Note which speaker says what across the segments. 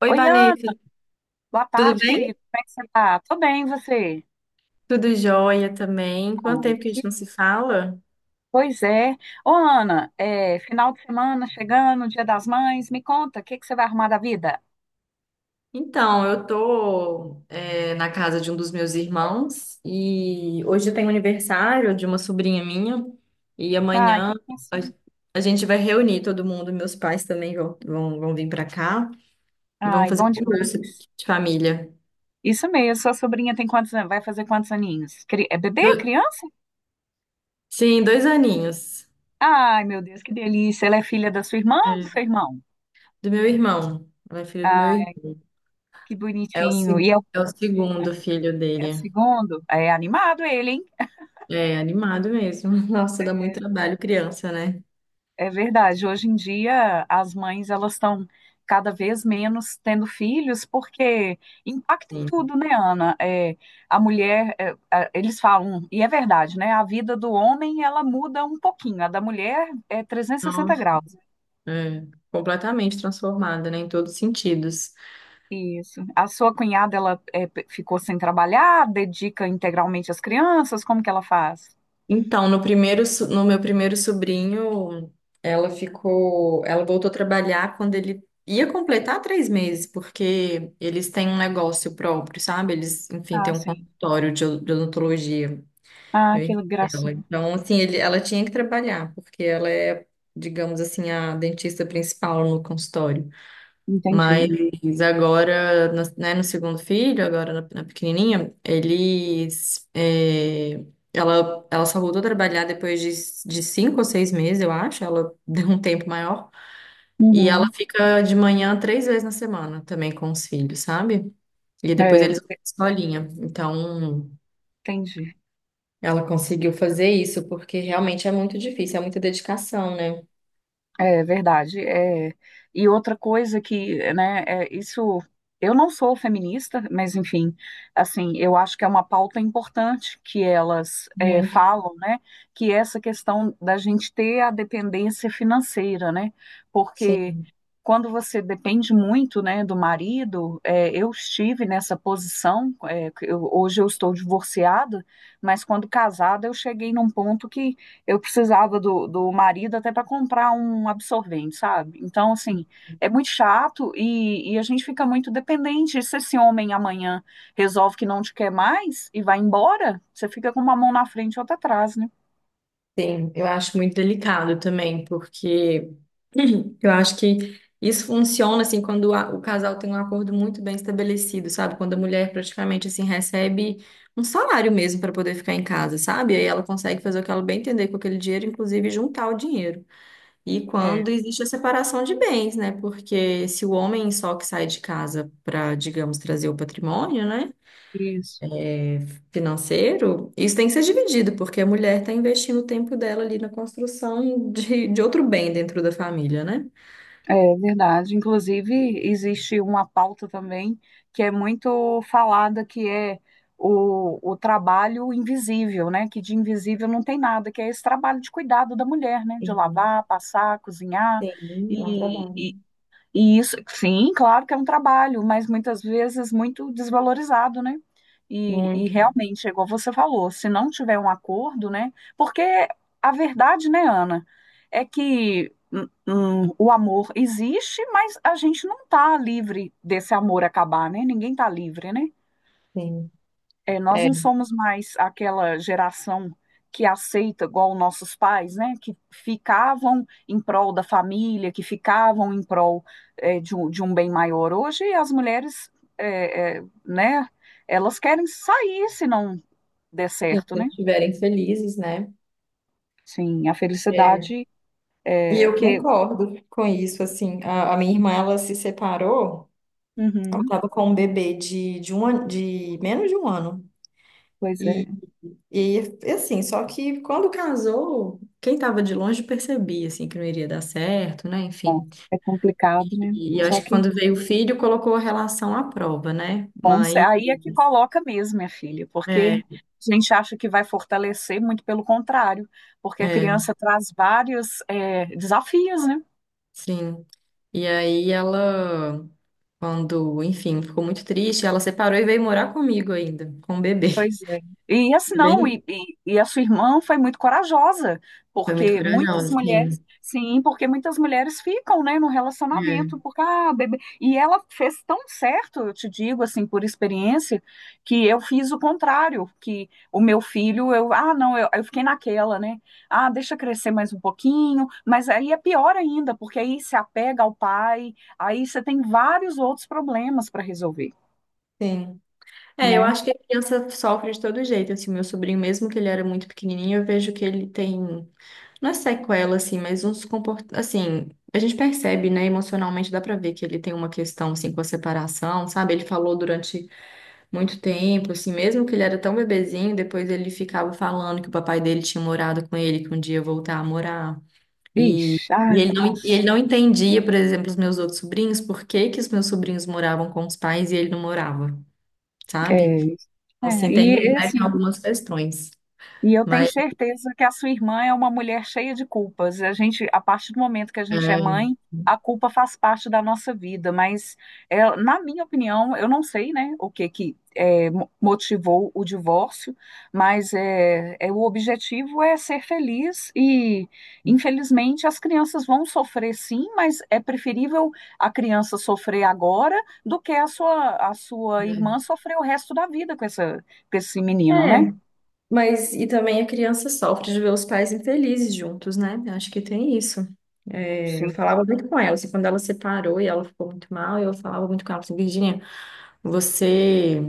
Speaker 1: Oi,
Speaker 2: Oi, Ana,
Speaker 1: Vanessa,
Speaker 2: boa
Speaker 1: tudo
Speaker 2: tarde, querido.
Speaker 1: bem?
Speaker 2: Como é que você tá? Tô bem, e você?
Speaker 1: Tudo jóia também.
Speaker 2: Ah,
Speaker 1: Quanto tempo que a
Speaker 2: que-
Speaker 1: gente não se fala?
Speaker 2: pois é. Ô, Ana, final de semana chegando, Dia das Mães, me conta, o que que você vai arrumar da vida?
Speaker 1: Então, eu tô, na casa de um dos meus irmãos e hoje tem aniversário de uma sobrinha minha e
Speaker 2: Ai,
Speaker 1: amanhã
Speaker 2: que é
Speaker 1: a,
Speaker 2: isso?
Speaker 1: a gente vai reunir todo mundo. Meus pais também vão vir pra cá e vão
Speaker 2: Ai,
Speaker 1: fazer
Speaker 2: bom
Speaker 1: um
Speaker 2: demais.
Speaker 1: almoço de família.
Speaker 2: Isso mesmo, sua sobrinha tem quantos anos? Vai fazer quantos aninhos? É bebê?
Speaker 1: Do-
Speaker 2: Criança?
Speaker 1: sim, dois aninhos.
Speaker 2: Ai, meu Deus, que delícia. Ela é filha da sua irmã ou do
Speaker 1: É.
Speaker 2: seu irmão?
Speaker 1: Do meu irmão. Ela é filha do meu
Speaker 2: Ai,
Speaker 1: irmão.
Speaker 2: que
Speaker 1: É o,
Speaker 2: bonitinho.
Speaker 1: se-
Speaker 2: E é o
Speaker 1: É o segundo filho
Speaker 2: é o
Speaker 1: dele.
Speaker 2: segundo? É animado ele, hein?
Speaker 1: É, animado mesmo. Nossa, dá muito trabalho criança, né?
Speaker 2: É verdade. Hoje em dia, as mães elas estão cada vez menos tendo filhos, porque impacta em
Speaker 1: Sim.
Speaker 2: tudo, né, Ana? A mulher, eles falam, e é verdade, né? A vida do homem ela muda um pouquinho, a da mulher é trezentos e sessenta
Speaker 1: Nossa,
Speaker 2: graus.
Speaker 1: é, completamente transformada, né, em todos os sentidos.
Speaker 2: Isso. A sua cunhada ela é, ficou sem trabalhar, dedica integralmente às crianças, como que ela faz?
Speaker 1: Então, no primeiro, no meu primeiro sobrinho, ela voltou a trabalhar quando ele ia completar 3 meses, porque eles têm um negócio próprio, sabe? Eles, enfim, têm
Speaker 2: Ah,
Speaker 1: um
Speaker 2: sim.
Speaker 1: consultório de odontologia.
Speaker 2: Ah,
Speaker 1: Meu
Speaker 2: que
Speaker 1: irmão e ela.
Speaker 2: gracinha.
Speaker 1: Então, assim, ela tinha que trabalhar, porque ela é, digamos assim, a dentista principal no consultório.
Speaker 2: Entendi.
Speaker 1: Mas agora, né, no segundo filho, agora na pequenininha, eles. É, ela só voltou a trabalhar depois de 5 ou 6 meses, eu acho. Ela deu um tempo maior. E ela
Speaker 2: Uhum.
Speaker 1: fica de manhã 3 vezes na semana também com os filhos, sabe? E depois
Speaker 2: É,
Speaker 1: eles vão pra escolinha. Então,
Speaker 2: entendi.
Speaker 1: ela conseguiu fazer isso, porque realmente é muito difícil, é muita dedicação, né?
Speaker 2: É verdade. É. E outra coisa que, né, é isso. Eu não sou feminista, mas enfim, assim, eu acho que é uma pauta importante que elas
Speaker 1: Muito.
Speaker 2: falam, né? Que é essa questão da gente ter a dependência financeira, né?
Speaker 1: Sim,
Speaker 2: Porque quando você depende muito, né, do marido, é, eu estive nessa posição. Hoje eu estou divorciada, mas quando casada eu cheguei num ponto que eu precisava do marido até para comprar um absorvente, sabe? Então, assim, é muito chato e a gente fica muito dependente. Se esse homem amanhã resolve que não te quer mais e vai embora, você fica com uma mão na frente e outra atrás, né?
Speaker 1: sim. Eu acho muito delicado também, porque. Eu acho que isso funciona assim quando o casal tem um acordo muito bem estabelecido, sabe? Quando a mulher praticamente assim recebe um salário mesmo para poder ficar em casa, sabe? Aí ela consegue fazer o que ela bem entender com aquele dinheiro, inclusive juntar o dinheiro. E
Speaker 2: É,
Speaker 1: quando existe a separação de bens, né? Porque se o homem só que sai de casa para, digamos, trazer o patrimônio, né?
Speaker 2: isso.
Speaker 1: Financeiro, isso tem que ser dividido, porque a mulher está investindo o tempo dela ali na construção de outro bem dentro da família, né?
Speaker 2: É verdade. Inclusive, existe uma pauta também que é muito falada, que é o trabalho invisível, né? Que de invisível não tem nada, que é esse trabalho de cuidado da mulher, né? De lavar, passar, cozinhar.
Speaker 1: Sim, é um trabalho.
Speaker 2: E, e isso, sim, claro que é um trabalho, mas muitas vezes muito desvalorizado, né? E
Speaker 1: Muito,
Speaker 2: realmente, é igual você falou, se não tiver um acordo, né? Porque a verdade, né, Ana, é que o amor existe, mas a gente não tá livre desse amor acabar, né? Ninguém tá livre, né?
Speaker 1: sim.
Speaker 2: É, nós
Speaker 1: É,
Speaker 2: não
Speaker 1: se
Speaker 2: somos mais aquela geração que aceita, igual nossos pais, né? Que ficavam em prol da família, que ficavam em prol, de um bem maior. Hoje as mulheres, né? Elas querem sair se não der
Speaker 1: eles
Speaker 2: certo, né?
Speaker 1: estiverem felizes, né?
Speaker 2: Sim, a
Speaker 1: É.
Speaker 2: felicidade
Speaker 1: E
Speaker 2: é
Speaker 1: eu
Speaker 2: que.
Speaker 1: concordo com isso, assim. A minha irmã, ela se separou, ela
Speaker 2: Uhum,
Speaker 1: estava com um bebê de menos de 1 ano.
Speaker 2: pois é.
Speaker 1: E, e, assim, só que quando casou, quem estava de longe percebia, assim, que não iria dar certo, né?
Speaker 2: Bom,
Speaker 1: Enfim.
Speaker 2: é complicado, né?
Speaker 1: E, eu
Speaker 2: Só
Speaker 1: acho que
Speaker 2: que
Speaker 1: quando veio o filho, colocou a relação à prova, né?
Speaker 2: bom,
Speaker 1: Mas
Speaker 2: aí é que coloca mesmo, minha filha, porque
Speaker 1: é,
Speaker 2: a gente acha que vai fortalecer, muito pelo contrário, porque a
Speaker 1: é,
Speaker 2: criança traz vários, desafios, né?
Speaker 1: sim. E aí ela... Quando, enfim, ficou muito triste, ela separou e veio morar comigo ainda, com o bebê.
Speaker 2: Pois é. E assim
Speaker 1: Foi
Speaker 2: não,
Speaker 1: bem,
Speaker 2: e a sua irmã foi muito corajosa,
Speaker 1: Foi muito
Speaker 2: porque muitas
Speaker 1: corajosa,
Speaker 2: mulheres,
Speaker 1: sim.
Speaker 2: sim, porque muitas mulheres ficam, né, no
Speaker 1: É.
Speaker 2: relacionamento, porque, ah, bebê. E ela fez tão certo, eu te digo, assim, por experiência, que eu fiz o contrário, que o meu filho, eu, ah, não, eu fiquei naquela, né, ah, deixa crescer mais um pouquinho, mas aí é pior ainda, porque aí se apega ao pai, aí você tem vários outros problemas para resolver,
Speaker 1: Sim. É, eu
Speaker 2: né?
Speaker 1: acho que a criança sofre de todo jeito, assim, meu sobrinho, mesmo que ele era muito pequenininho, eu vejo que ele tem, não é sequela, assim, mas uns comportamentos, assim, a gente percebe, né, emocionalmente, dá pra ver que ele tem uma questão, assim, com a separação, sabe? Ele falou durante muito tempo, assim, mesmo que ele era tão bebezinho, depois ele ficava falando que o papai dele tinha morado com ele, que um dia ia voltar a morar. E,
Speaker 2: Ixi, ai,
Speaker 1: e ele
Speaker 2: nossa.
Speaker 1: não entendia, por exemplo, os meus outros sobrinhos, por que que os meus sobrinhos moravam com os pais e ele não morava, sabe?
Speaker 2: É,
Speaker 1: Então, assim,
Speaker 2: e
Speaker 1: tem,
Speaker 2: é
Speaker 1: né, tem
Speaker 2: assim,
Speaker 1: algumas questões.
Speaker 2: eu tenho
Speaker 1: Mas,
Speaker 2: certeza que a sua irmã é uma mulher cheia de culpas. A gente, a partir do momento que a gente é
Speaker 1: é,
Speaker 2: mãe, a culpa faz parte da nossa vida. Mas, é, na minha opinião, eu não sei, né, o que que é, motivou o divórcio, mas o objetivo é ser feliz e, infelizmente, as crianças vão sofrer sim, mas é preferível a criança sofrer agora do que a sua
Speaker 1: é,
Speaker 2: irmã sofrer o resto da vida com essa, com esse menino, né?
Speaker 1: é, mas e também a criança sofre de ver os pais infelizes juntos, né? Eu acho que tem isso. É, eu
Speaker 2: Sim.
Speaker 1: falava muito com ela, assim, quando ela separou e ela ficou muito mal, eu falava muito com ela, assim, Virginia, você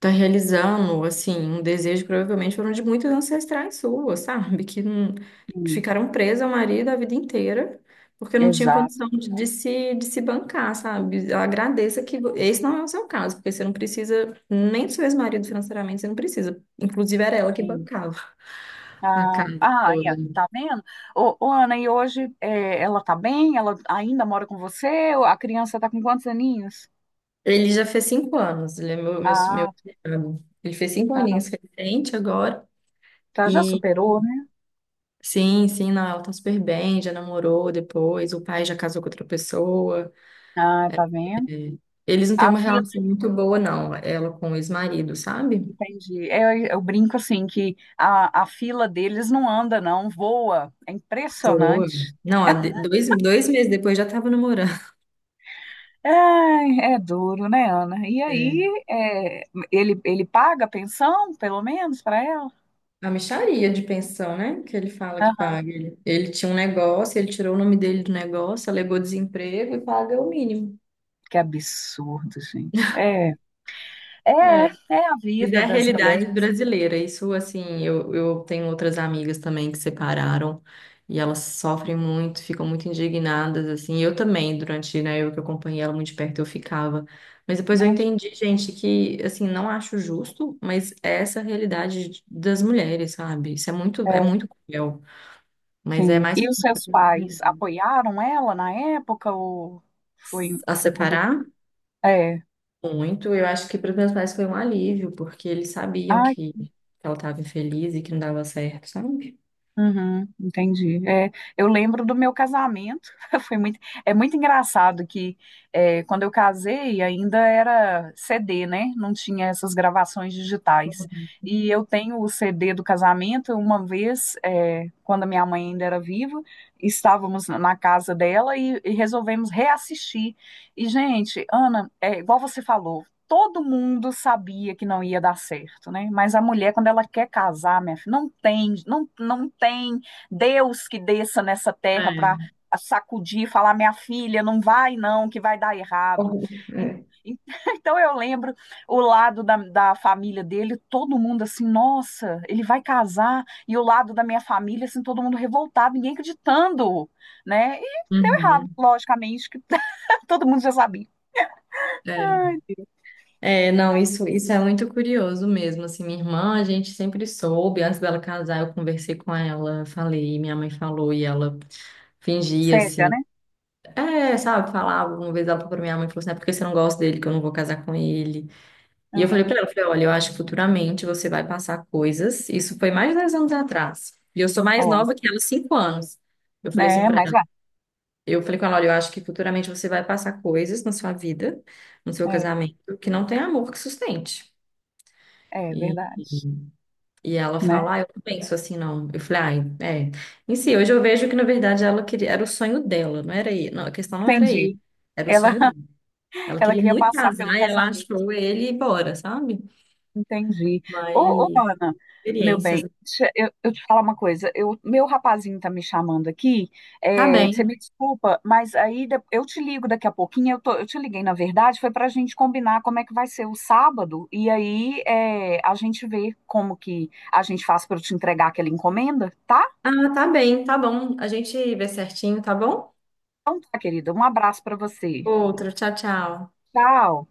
Speaker 1: tá realizando, assim, um desejo que provavelmente foram de muitos ancestrais suas, sabe? Que não- que ficaram presas ao marido a vida inteira, porque não tinha
Speaker 2: Exato,
Speaker 1: condição de se bancar, sabe? Eu agradeça que esse não é o seu caso, porque você não precisa nem do seu ex-marido financeiramente, você não precisa. Inclusive era ela que
Speaker 2: sim.
Speaker 1: bancava a casa
Speaker 2: Aí,
Speaker 1: toda.
Speaker 2: ó, tá vendo? Ana, e hoje é, ela tá bem? Ela ainda mora com você? A criança tá com quantos aninhos?
Speaker 1: Ele já fez 5 anos, ele é meu
Speaker 2: Ah,
Speaker 1: cunhado. Ele fez 5 aninhos
Speaker 2: aham.
Speaker 1: recente agora.
Speaker 2: Tá, já superou, né?
Speaker 1: Sim, sim, não, ela tá super bem, já namorou depois, o pai já casou com outra pessoa.
Speaker 2: Ah, tá
Speaker 1: É,
Speaker 2: vendo?
Speaker 1: eles não têm
Speaker 2: A
Speaker 1: uma
Speaker 2: fila,
Speaker 1: relação muito boa, não, ela com o ex-marido, sabe?
Speaker 2: entendi. É, eu brinco assim que a fila deles não anda, não, voa. É
Speaker 1: Boa.
Speaker 2: impressionante.
Speaker 1: Não, 2, 2 meses depois já tava namorando.
Speaker 2: Ai, é duro, né, Ana? E
Speaker 1: É.
Speaker 2: aí, é, ele paga a pensão, pelo menos, para ela?
Speaker 1: A mixaria de pensão, né? Que ele fala que
Speaker 2: Aham.
Speaker 1: paga. Ele tinha um negócio, ele tirou o nome dele do negócio, alegou desemprego e paga o mínimo.
Speaker 2: Que absurdo, gente. É. É,
Speaker 1: É.
Speaker 2: é a
Speaker 1: Mas é
Speaker 2: vida
Speaker 1: a
Speaker 2: das
Speaker 1: realidade
Speaker 2: mulheres,
Speaker 1: brasileira. Isso, assim, eu tenho outras amigas também que separaram e elas sofrem muito, ficam muito indignadas, assim. Eu também, durante, né, eu que acompanhei ela muito de perto, eu ficava. Mas depois
Speaker 2: né?
Speaker 1: eu entendi, gente, que, assim, não acho justo, mas é essa a realidade das mulheres, sabe? Isso é
Speaker 2: É,
Speaker 1: muito cruel. Mas é
Speaker 2: sim.
Speaker 1: mais
Speaker 2: E os seus pais apoiaram ela na época ou foi,
Speaker 1: a
Speaker 2: foi complicado?
Speaker 1: separar
Speaker 2: É.
Speaker 1: muito. Eu acho que para os meus pais foi um alívio, porque eles sabiam
Speaker 2: Ai,
Speaker 1: que ela estava infeliz e que não dava certo, sabe?
Speaker 2: uhum, entendi. É, eu lembro do meu casamento. Foi muito, é muito engraçado que é, quando eu casei ainda era CD, né? Não tinha essas gravações digitais. E eu tenho o CD do casamento. Uma vez, é, quando a minha mãe ainda era viva, estávamos na na casa dela e resolvemos reassistir. E, gente, Ana, é igual você falou, todo mundo sabia que não ia dar certo, né? Mas a mulher, quando ela quer casar, minha filha, não tem, não tem Deus que desça nessa terra para sacudir e falar, minha filha, não vai não, que vai dar errado.
Speaker 1: Horrível.
Speaker 2: E-
Speaker 1: É.
Speaker 2: e- Então eu lembro o lado da família dele, todo mundo assim, nossa, ele vai casar, e o lado da minha família, assim, todo mundo revoltado, ninguém acreditando, né? E deu errado,
Speaker 1: Uhum,
Speaker 2: logicamente, que todo mundo já sabia.
Speaker 1: é.
Speaker 2: Ai, Deus,
Speaker 1: É, não, isso é muito curioso mesmo, assim, minha irmã, a gente sempre soube, antes dela casar, eu conversei com ela, falei, minha mãe falou, e ela fingia,
Speaker 2: cega,
Speaker 1: assim,
Speaker 2: né?
Speaker 1: é, sabe, falava, uma vez ela falou pra minha mãe, falou assim, é porque você não gosta dele, que eu não vou casar com ele, e eu falei pra
Speaker 2: Aham.
Speaker 1: ela, eu falei, olha, eu acho que futuramente você vai passar coisas, isso foi mais de 10 anos atrás, e eu sou mais
Speaker 2: Ó,
Speaker 1: nova que ela, 5 anos, eu falei assim
Speaker 2: né?
Speaker 1: pra
Speaker 2: Mas vai.
Speaker 1: eu falei com ela, olha, eu acho que futuramente você vai passar coisas na sua vida, no seu
Speaker 2: É,
Speaker 1: casamento, que não tem amor que sustente.
Speaker 2: É
Speaker 1: E,
Speaker 2: verdade,
Speaker 1: e ela
Speaker 2: né?
Speaker 1: fala, ah, eu não penso assim, não. Eu falei, ah, é. Em si, hoje eu vejo que, na verdade, ela queria, era o sonho dela, não era ele. Não, a questão não era ele,
Speaker 2: Entendi.
Speaker 1: era o
Speaker 2: Ela,
Speaker 1: sonho dele. Ela
Speaker 2: ela
Speaker 1: queria
Speaker 2: queria
Speaker 1: muito
Speaker 2: passar
Speaker 1: casar
Speaker 2: pelo
Speaker 1: e ela
Speaker 2: casamento.
Speaker 1: achou ele e bora, sabe?
Speaker 2: Entendi.
Speaker 1: Mas
Speaker 2: Ana, meu
Speaker 1: experiências.
Speaker 2: bem,
Speaker 1: Né?
Speaker 2: deixa eu te falar uma coisa. Eu, meu rapazinho tá me chamando aqui.
Speaker 1: Tá
Speaker 2: É, você me
Speaker 1: bem.
Speaker 2: desculpa, mas eu te ligo daqui a pouquinho. Eu, tô, eu te liguei, na verdade, foi pra gente combinar como é que vai ser o sábado. E aí é, a gente vê como que a gente faz pra eu te entregar aquela encomenda, tá?
Speaker 1: Ah, tá bem, tá bom. A gente vê certinho, tá bom?
Speaker 2: Então tá, querida. Um abraço pra você.
Speaker 1: Outro, tchau, tchau.
Speaker 2: Tchau.